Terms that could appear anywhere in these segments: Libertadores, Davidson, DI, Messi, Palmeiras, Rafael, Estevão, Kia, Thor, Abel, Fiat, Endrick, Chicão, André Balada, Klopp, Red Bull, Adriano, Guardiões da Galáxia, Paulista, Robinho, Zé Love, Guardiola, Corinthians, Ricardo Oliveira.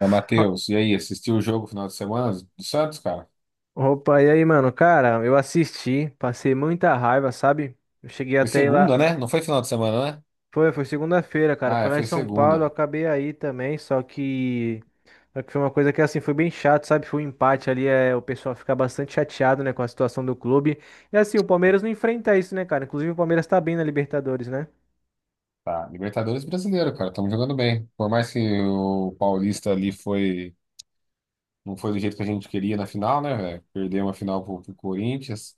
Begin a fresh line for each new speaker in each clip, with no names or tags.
Mas, Matheus, e aí, assistiu o jogo final de semana do Santos, cara?
Opa, e aí, mano? Cara, eu assisti, passei muita raiva, sabe? Eu cheguei
Foi
até ir lá.
segunda, né? Não foi final de semana, né?
Foi segunda-feira, cara.
Ah,
Foi
é,
lá em
foi
São Paulo, eu
segunda.
acabei aí também, só que... Só que foi uma coisa que assim foi bem chato, sabe? Foi um empate ali, o pessoal fica bastante chateado, né, com a situação do clube. E assim, o Palmeiras não enfrenta isso, né, cara? Inclusive o Palmeiras tá bem na Libertadores, né?
Tá, Libertadores brasileiro, cara, estamos jogando bem. Por mais que o Paulista ali foi, não foi do jeito que a gente queria na final, né, velho? Perdeu uma final pro Corinthians.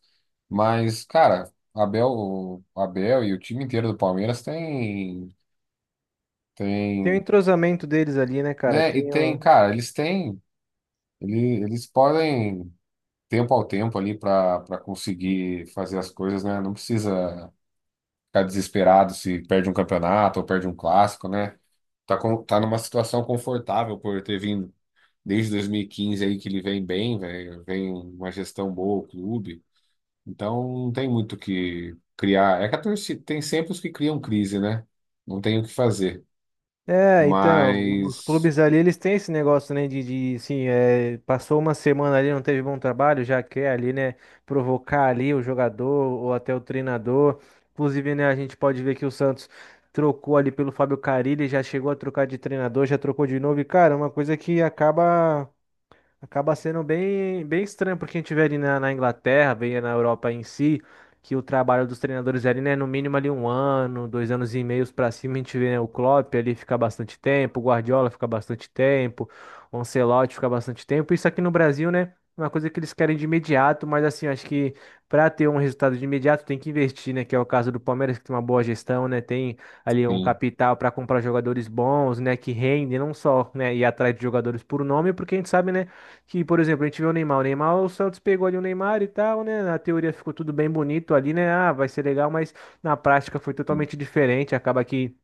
Mas, cara, Abel, o Abel e o time inteiro do Palmeiras tem,
Tem o
tem,
entrosamento deles ali, né, cara?
né? E
Tem
tem,
o...
cara, eles têm, eles podem. Tempo ao tempo ali para conseguir fazer as coisas, né? Não precisa ficar desesperado se perde um campeonato ou perde um clássico, né? Tá, numa situação confortável por ter vindo desde 2015 aí que ele vem bem, velho, vem uma gestão boa, o clube. Então não tem muito o que criar. É que a torcida tem sempre os que criam crise, né? Não tem o que fazer.
É, então, os
Mas
clubes ali, eles têm esse negócio, né, de assim, passou uma semana ali, não teve bom trabalho, já quer ali, né, provocar ali o jogador ou até o treinador. Inclusive, né, a gente pode ver que o Santos trocou ali pelo Fábio Carille, já chegou a trocar de treinador, já trocou de novo, e, cara, é uma coisa que acaba sendo bem, bem estranho porque a gente vê ali na, na Inglaterra, vê na Europa em si, que o trabalho dos treinadores ali, né, no mínimo ali um ano, 2 anos e meios pra cima, a gente vê, né, o Klopp ali ficar bastante tempo, o Guardiola ficar bastante tempo, o Ancelotti ficar bastante tempo. Isso aqui no Brasil, né, é uma coisa que eles querem de imediato, mas assim, eu acho que pra ter um resultado de imediato tem que investir, né, que é o caso do Palmeiras, que tem uma boa gestão, né, tem ali um
sim,
capital para comprar jogadores bons, né, que rendem, não só, né, ir atrás de jogadores por nome, porque a gente sabe, né, que, por exemplo, a gente vê o Neymar. O Neymar, o Santos pegou ali o Neymar e tal, né? Na teoria ficou tudo bem bonito ali, né? Ah, vai ser legal, mas na prática foi
sim.
totalmente diferente. Acaba que...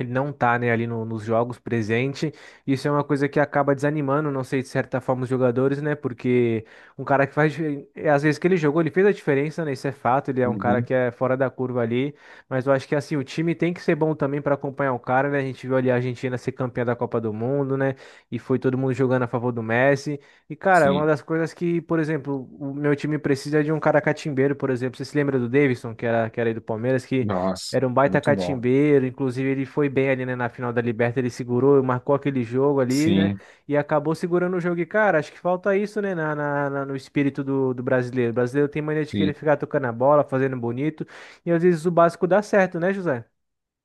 Ele não tá, né, ali nos jogos presente. Isso é uma coisa que acaba desanimando, não sei, de certa forma, os jogadores, né? Porque um cara que faz... Às vezes que ele jogou, ele fez a diferença, né? Isso é fato. Ele é um cara
Uhum.
que é fora da curva ali. Mas eu acho que, assim, o time tem que ser bom também para acompanhar o cara, né? A gente viu ali a Argentina ser campeã da Copa do Mundo, né? E foi todo mundo jogando a favor do Messi. E, cara, é uma
Sim.
das coisas que, por exemplo, o meu time precisa é de um cara catimbeiro, por exemplo. Você se lembra do Davidson, que era aí do Palmeiras, que...
Nossa,
Era um baita
muito bom.
catimbeiro, inclusive ele foi bem ali, né, na final da Liberta, ele segurou, marcou aquele jogo ali, né,
Sim,
e acabou segurando o jogo. E, cara, acho que falta isso, né, no espírito do brasileiro. O brasileiro tem mania de querer
sim.
ficar tocando a bola, fazendo bonito, e às vezes o básico dá certo, né, José?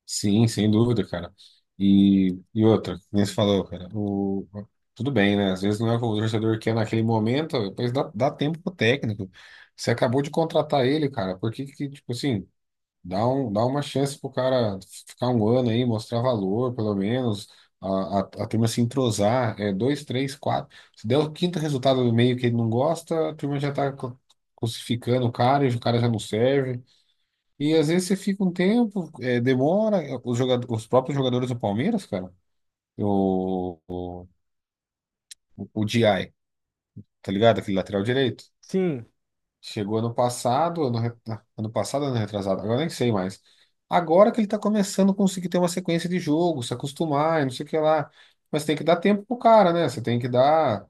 Sim, sem dúvida, cara. E outra, que nem você falou, cara, o, tudo bem, né? Às vezes não é o que o torcedor quer naquele momento, depois dá tempo pro técnico. Você acabou de contratar ele, cara, por que que, tipo assim, dá uma chance pro cara ficar um ano aí, mostrar valor, pelo menos, a turma se entrosar, é, dois, três, quatro. Se der o quinto resultado do meio que ele não gosta, a turma já tá crucificando o cara, e o cara já não serve. E às vezes você fica um tempo, é, demora. Os, jogadores, os próprios jogadores do Palmeiras, cara, o, o, o DI, tá ligado? Aquele lateral direito.
Sim.
Chegou ano passado, ano passado, ano retrasado, agora nem sei mais. Agora que ele tá começando a conseguir ter uma sequência de jogo, se acostumar e não sei o que lá. Mas tem que dar tempo pro cara, né? Você tem que dar,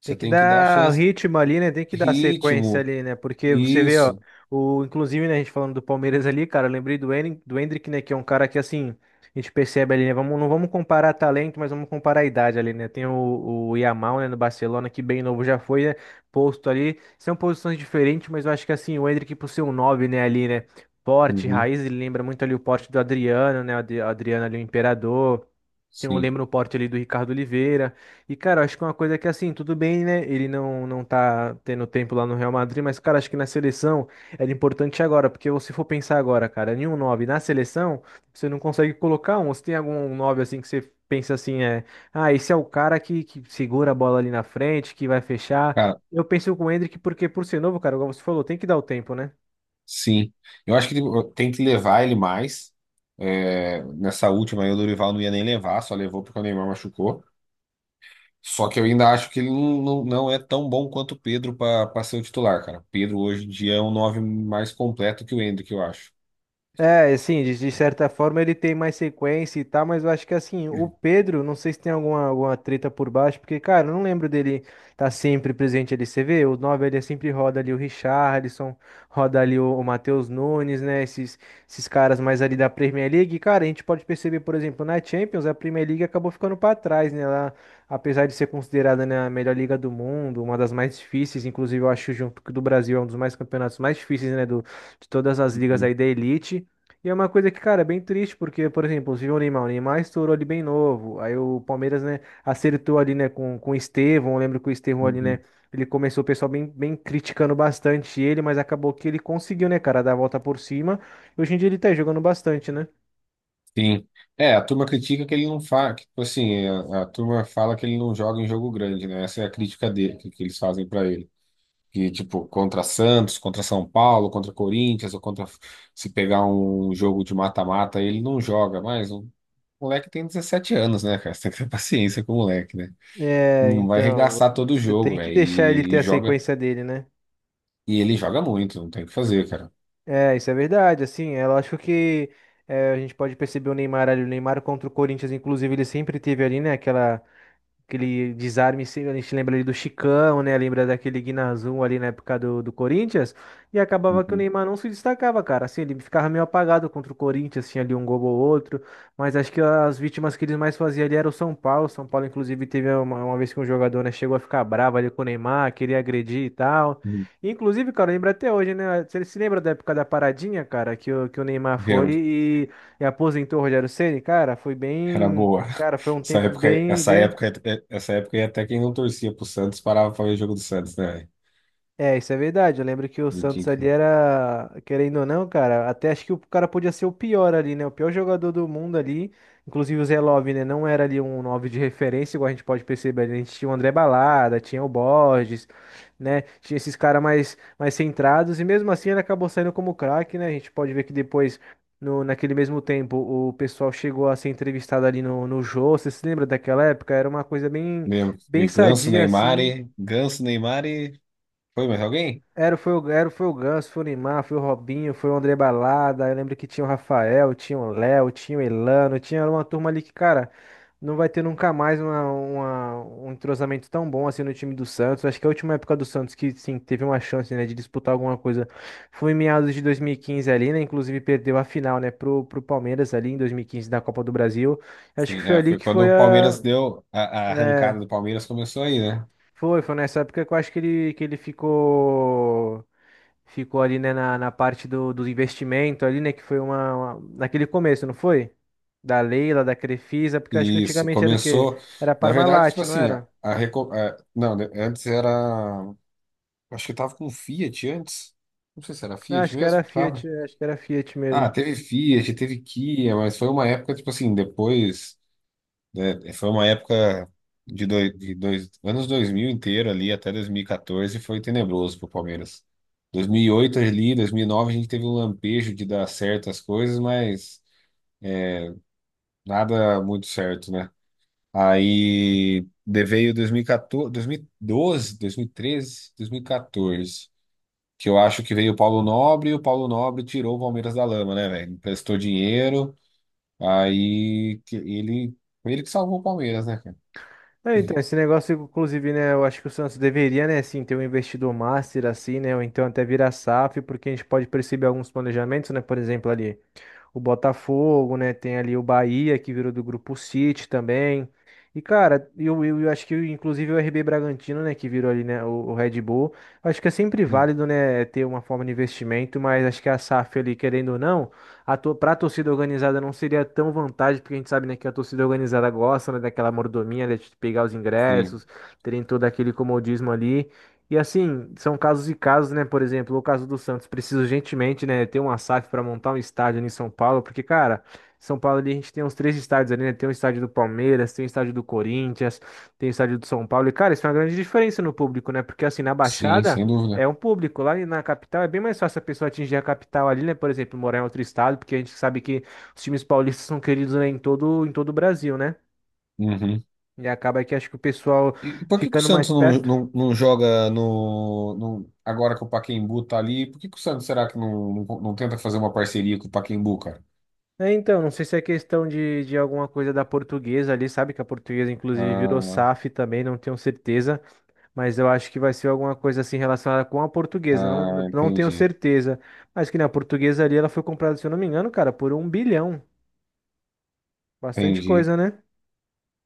você
Tem que
tem que dar
dar o
chance,
ritmo ali, né? Tem que dar sequência
ritmo,
ali, né? Porque você vê, ó,
isso.
inclusive, né, a gente falando do Palmeiras ali, cara, eu lembrei do Endrick, né? Que é um cara que, assim, a gente percebe ali, né? Vamos, não vamos comparar talento, mas vamos comparar a idade ali, né? Tem o Yamal, né, no Barcelona, que bem novo já foi, né? Posto ali. São posições diferentes, mas eu acho que, assim, o Endrick, por ser um 9, né, ali, né? Porte,
Uhum.
raiz, ele lembra muito ali o porte do Adriano, né? O Adriano ali, o Imperador. Tem um
Sim.
lembro no porte ali do Ricardo Oliveira. E, cara, acho que é uma coisa que, assim, tudo bem, né? Ele não tá tendo tempo lá no Real Madrid, mas, cara, acho que na seleção era importante agora, porque se for pensar agora, cara, nenhum 9 na seleção, você não consegue colocar um. Você tem algum 9 assim, que você pensa assim, é, ah, esse é o cara que segura a bola ali na frente, que vai fechar.
Cara,
Eu penso com o Endrick, porque por ser novo, cara, igual você falou, tem que dar o tempo, né?
sim, eu acho que tem que levar ele mais. É, nessa última aí, o Dorival não ia nem levar, só levou porque o Neymar machucou. Só que eu ainda acho que ele não é tão bom quanto o Pedro para ser o titular, cara. O Pedro hoje em dia é um nove mais completo que o Endrick, eu acho.
É, assim, de certa forma ele tem mais sequência e tal, mas eu acho que assim, o Pedro, não sei se tem alguma treta por baixo, porque, cara, eu não lembro dele tá sempre presente ali. Você vê, o 9 ele sempre roda ali o Richarlison, roda ali o Matheus Nunes, né? Esses caras mais ali da Premier League. E, cara, a gente pode perceber, por exemplo, na Champions, a Premier League acabou ficando pra trás, né? Ela, apesar de ser considerada, né, a melhor liga do mundo, uma das mais difíceis, inclusive eu acho junto que o do Brasil é um dos mais campeonatos mais difíceis, né? Do, de todas as ligas
Uhum,
aí da elite. E é uma coisa que, cara, é bem triste, porque, por exemplo, você viu o Neymar estourou ali bem novo, aí o Palmeiras, né, acertou ali, né, com o Estevão, eu lembro que o Estevão ali, né,
uhum.
ele começou o pessoal bem, bem criticando bastante ele, mas acabou que ele conseguiu, né, cara, dar a volta por cima, e hoje em dia ele tá jogando bastante, né?
Sim. É, a turma critica que ele não faz, que, tipo assim, a turma fala que ele não joga em jogo grande, né? Essa é a crítica dele, que eles fazem para ele. Que tipo contra Santos, contra São Paulo, contra Corinthians, ou contra se pegar um jogo de mata-mata, ele não joga mais. O moleque tem 17 anos, né, cara? Você tem que ter paciência com o moleque, né?
É,
Não vai
então,
arregaçar todo o
você
jogo,
tem que
velho,
deixar ele
e,
ter
e
a
joga.
sequência dele, né?
E ele joga muito, não tem o que fazer, cara.
É, isso é verdade, assim, é lógico que é, a gente pode perceber o Neymar ali, o Neymar contra o Corinthians, inclusive, ele sempre teve ali, né, aquela... Aquele desarme, sim, a gente lembra ali do Chicão, né? Lembra daquele Guinazum ali na época do Corinthians. E acabava que o
Uhum.
Neymar não se destacava, cara. Assim, ele ficava meio apagado contra o Corinthians, tinha ali um gol ou outro. Mas acho que as vítimas que eles mais faziam ali era o São Paulo. O São Paulo, inclusive, teve uma vez que um jogador, né, chegou a ficar bravo ali com o Neymar, queria agredir e tal.
Uhum.
Inclusive, cara, lembra até hoje, né? Você se lembra da época da paradinha, cara, que o Neymar foi
Lembro,
e aposentou o Rogério Ceni, cara? Foi
era
bem...
boa.
Cara, foi um
Essa
tempo
época,
bem,
essa
bem...
época, essa época, aí até quem não torcia pro Santos parava pra ver o jogo do Santos, né, velho?
É, isso é verdade. Eu lembro que o
Não tinha
Santos
que-
ali era, querendo ou não, cara, até acho que o cara podia ser o pior ali, né? O pior jogador do mundo ali. Inclusive o Zé Love, né? Não era ali um 9 de referência, igual a gente pode perceber. A gente tinha o André Balada, tinha o Borges, né? Tinha esses caras mais, mais centrados. E mesmo assim ele acabou saindo como craque, né? A gente pode ver que depois, no, naquele mesmo tempo, o pessoal chegou a ser entrevistado ali no Jô. Você se lembra daquela época? Era uma coisa bem,
Lembro.
bem
E Ganso,
sadia,
Neymar,
assim.
e Ganso, Neymar, e foi mais alguém?
Foi o Ganso, foi o Neymar, foi o Robinho, foi o André Balada. Eu lembro que tinha o Rafael, tinha o Léo, tinha o Elano, tinha uma turma ali que, cara, não vai ter nunca mais um entrosamento tão bom assim no time do Santos. Acho que a última época do Santos que, sim, teve uma chance, né, de disputar alguma coisa foi em meados de 2015 ali, né? Inclusive perdeu a final, né, pro Palmeiras ali em 2015 da Copa do Brasil. Acho que
Sim,
foi
é,
ali
foi
que
quando
foi
o
a...
Palmeiras deu a arrancada
É,
do Palmeiras começou aí, né?
foi, foi nessa época que eu acho que ele ficou. Ficou ali, né, na parte do investimento ali, né, que foi uma- naquele começo, não foi? Da Leila, da Crefisa, porque eu acho que
Isso,
antigamente era o quê?
começou,
Era
na verdade, tipo
Parmalat, não
assim,
era?
não, né, antes era, acho que tava com Fiat antes. Não sei se era
Ah,
Fiat
acho que era
mesmo,
Fiat,
tava.
acho que era Fiat
Ah,
mesmo.
teve Fiat, teve Kia, mas foi uma época tipo assim, depois, né, foi uma época de dois anos 2000 inteiro ali até 2014 foi tenebroso pro Palmeiras. 2008 ali, 2009 a gente teve um lampejo de dar certas coisas, mas nada muito certo, né? Aí veio dois mil e doze, 2013, 2012, 2014, 2012, 2013, 2014, que eu acho que veio o Paulo Nobre e o Paulo Nobre tirou o Palmeiras da lama, né, velho? Emprestou dinheiro, aí que ele, foi ele que salvou o Palmeiras, né, cara?
É, então, esse negócio, inclusive, né, eu acho que o Santos deveria, né, assim, ter um investidor master, assim, né, ou então até virar SAF, porque a gente pode perceber alguns planejamentos, né, por exemplo, ali. O Botafogo, né? Tem ali o Bahia, que virou do grupo City também. E, cara, eu acho que inclusive o RB Bragantino, né, que virou ali, né, o Red Bull. Eu acho que é sempre
Hum,
válido, né, ter uma forma de investimento, mas acho que a SAF ali, querendo ou não, a to pra torcida organizada não seria tão vantagem, porque a gente sabe, né, que a torcida organizada gosta, né, daquela mordomia, né, de pegar os
Sim,
ingressos, terem todo aquele comodismo ali. E assim, são casos e casos, né? Por exemplo, o caso do Santos precisa urgentemente, né, ter uma SAF para montar um estádio ali em São Paulo, porque, cara, São Paulo ali a gente tem uns três estádios ali, né? Tem o estádio do Palmeiras, tem o estádio do Corinthians, tem o estádio do São Paulo. E, cara, isso é uma grande diferença no público, né? Porque assim, na
sim,
Baixada
sem
é
dúvida.
um público, lá na capital é bem mais fácil a pessoa atingir a capital ali, né? Por exemplo, morar em outro estado, porque a gente sabe que os times paulistas são queridos, né, em todo o Brasil, né?
Uhum.
E acaba que acho que o pessoal
E por que que o
ficando mais
Santos não,
perto.
não, não joga no, agora que o Pacaembu tá ali, por que que o Santos será que não tenta fazer uma parceria com o Pacaembu, cara?
É, então, não sei se é questão de alguma coisa da portuguesa ali, sabe? Que a portuguesa, inclusive, virou
Ah,
SAF também, não tenho certeza, mas eu acho que vai ser alguma coisa assim relacionada com a portuguesa, não tenho
Entendi.
certeza. Mas que na portuguesa ali ela foi comprada, se eu não me engano, cara, por um bilhão. Bastante
Entendi.
coisa, né?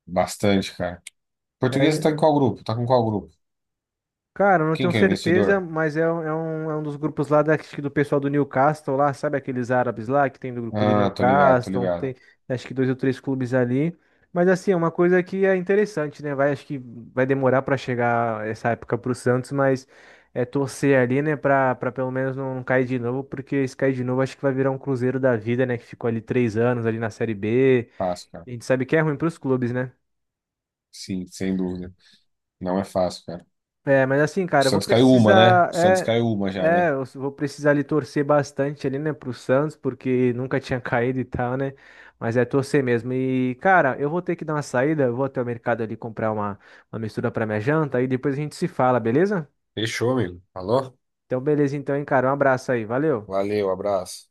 Bastante, cara. Portuguesa tá
É,
em qual grupo? Tá com qual grupo?
cara, eu não
Quem
tenho
que é o
certeza,
investidor?
mas é, um, é um dos grupos lá da, acho que do pessoal do Newcastle lá, sabe aqueles árabes lá que tem do grupo do
Ah, tô ligado, tô
Newcastle, tem
ligado.
acho que dois ou três clubes ali. Mas assim, é uma coisa que é interessante, né? Vai, acho que vai demorar para chegar essa época pro Santos, mas é torcer ali, né, para pelo menos não, não cair de novo, porque se cair de novo acho que vai virar um Cruzeiro da vida, né, que ficou ali 3 anos ali na Série B.
Fácil, cara.
A gente sabe que é ruim pros clubes, né?
Sim, sem dúvida. Não é fácil, cara.
É, mas assim,
O
cara, eu vou
Santos caiu uma, né?
precisar.
O Santos caiu uma já, né?
Eu vou precisar ali torcer bastante ali, né, pro Santos, porque nunca tinha caído e tal, né? Mas é torcer mesmo. E, cara, eu vou ter que dar uma saída, eu vou até o mercado ali comprar uma mistura pra minha janta e depois a gente se fala, beleza?
Fechou, amigo. Falou?
Então, beleza, então, hein, cara. Um abraço aí, valeu.
Valeu, abraço.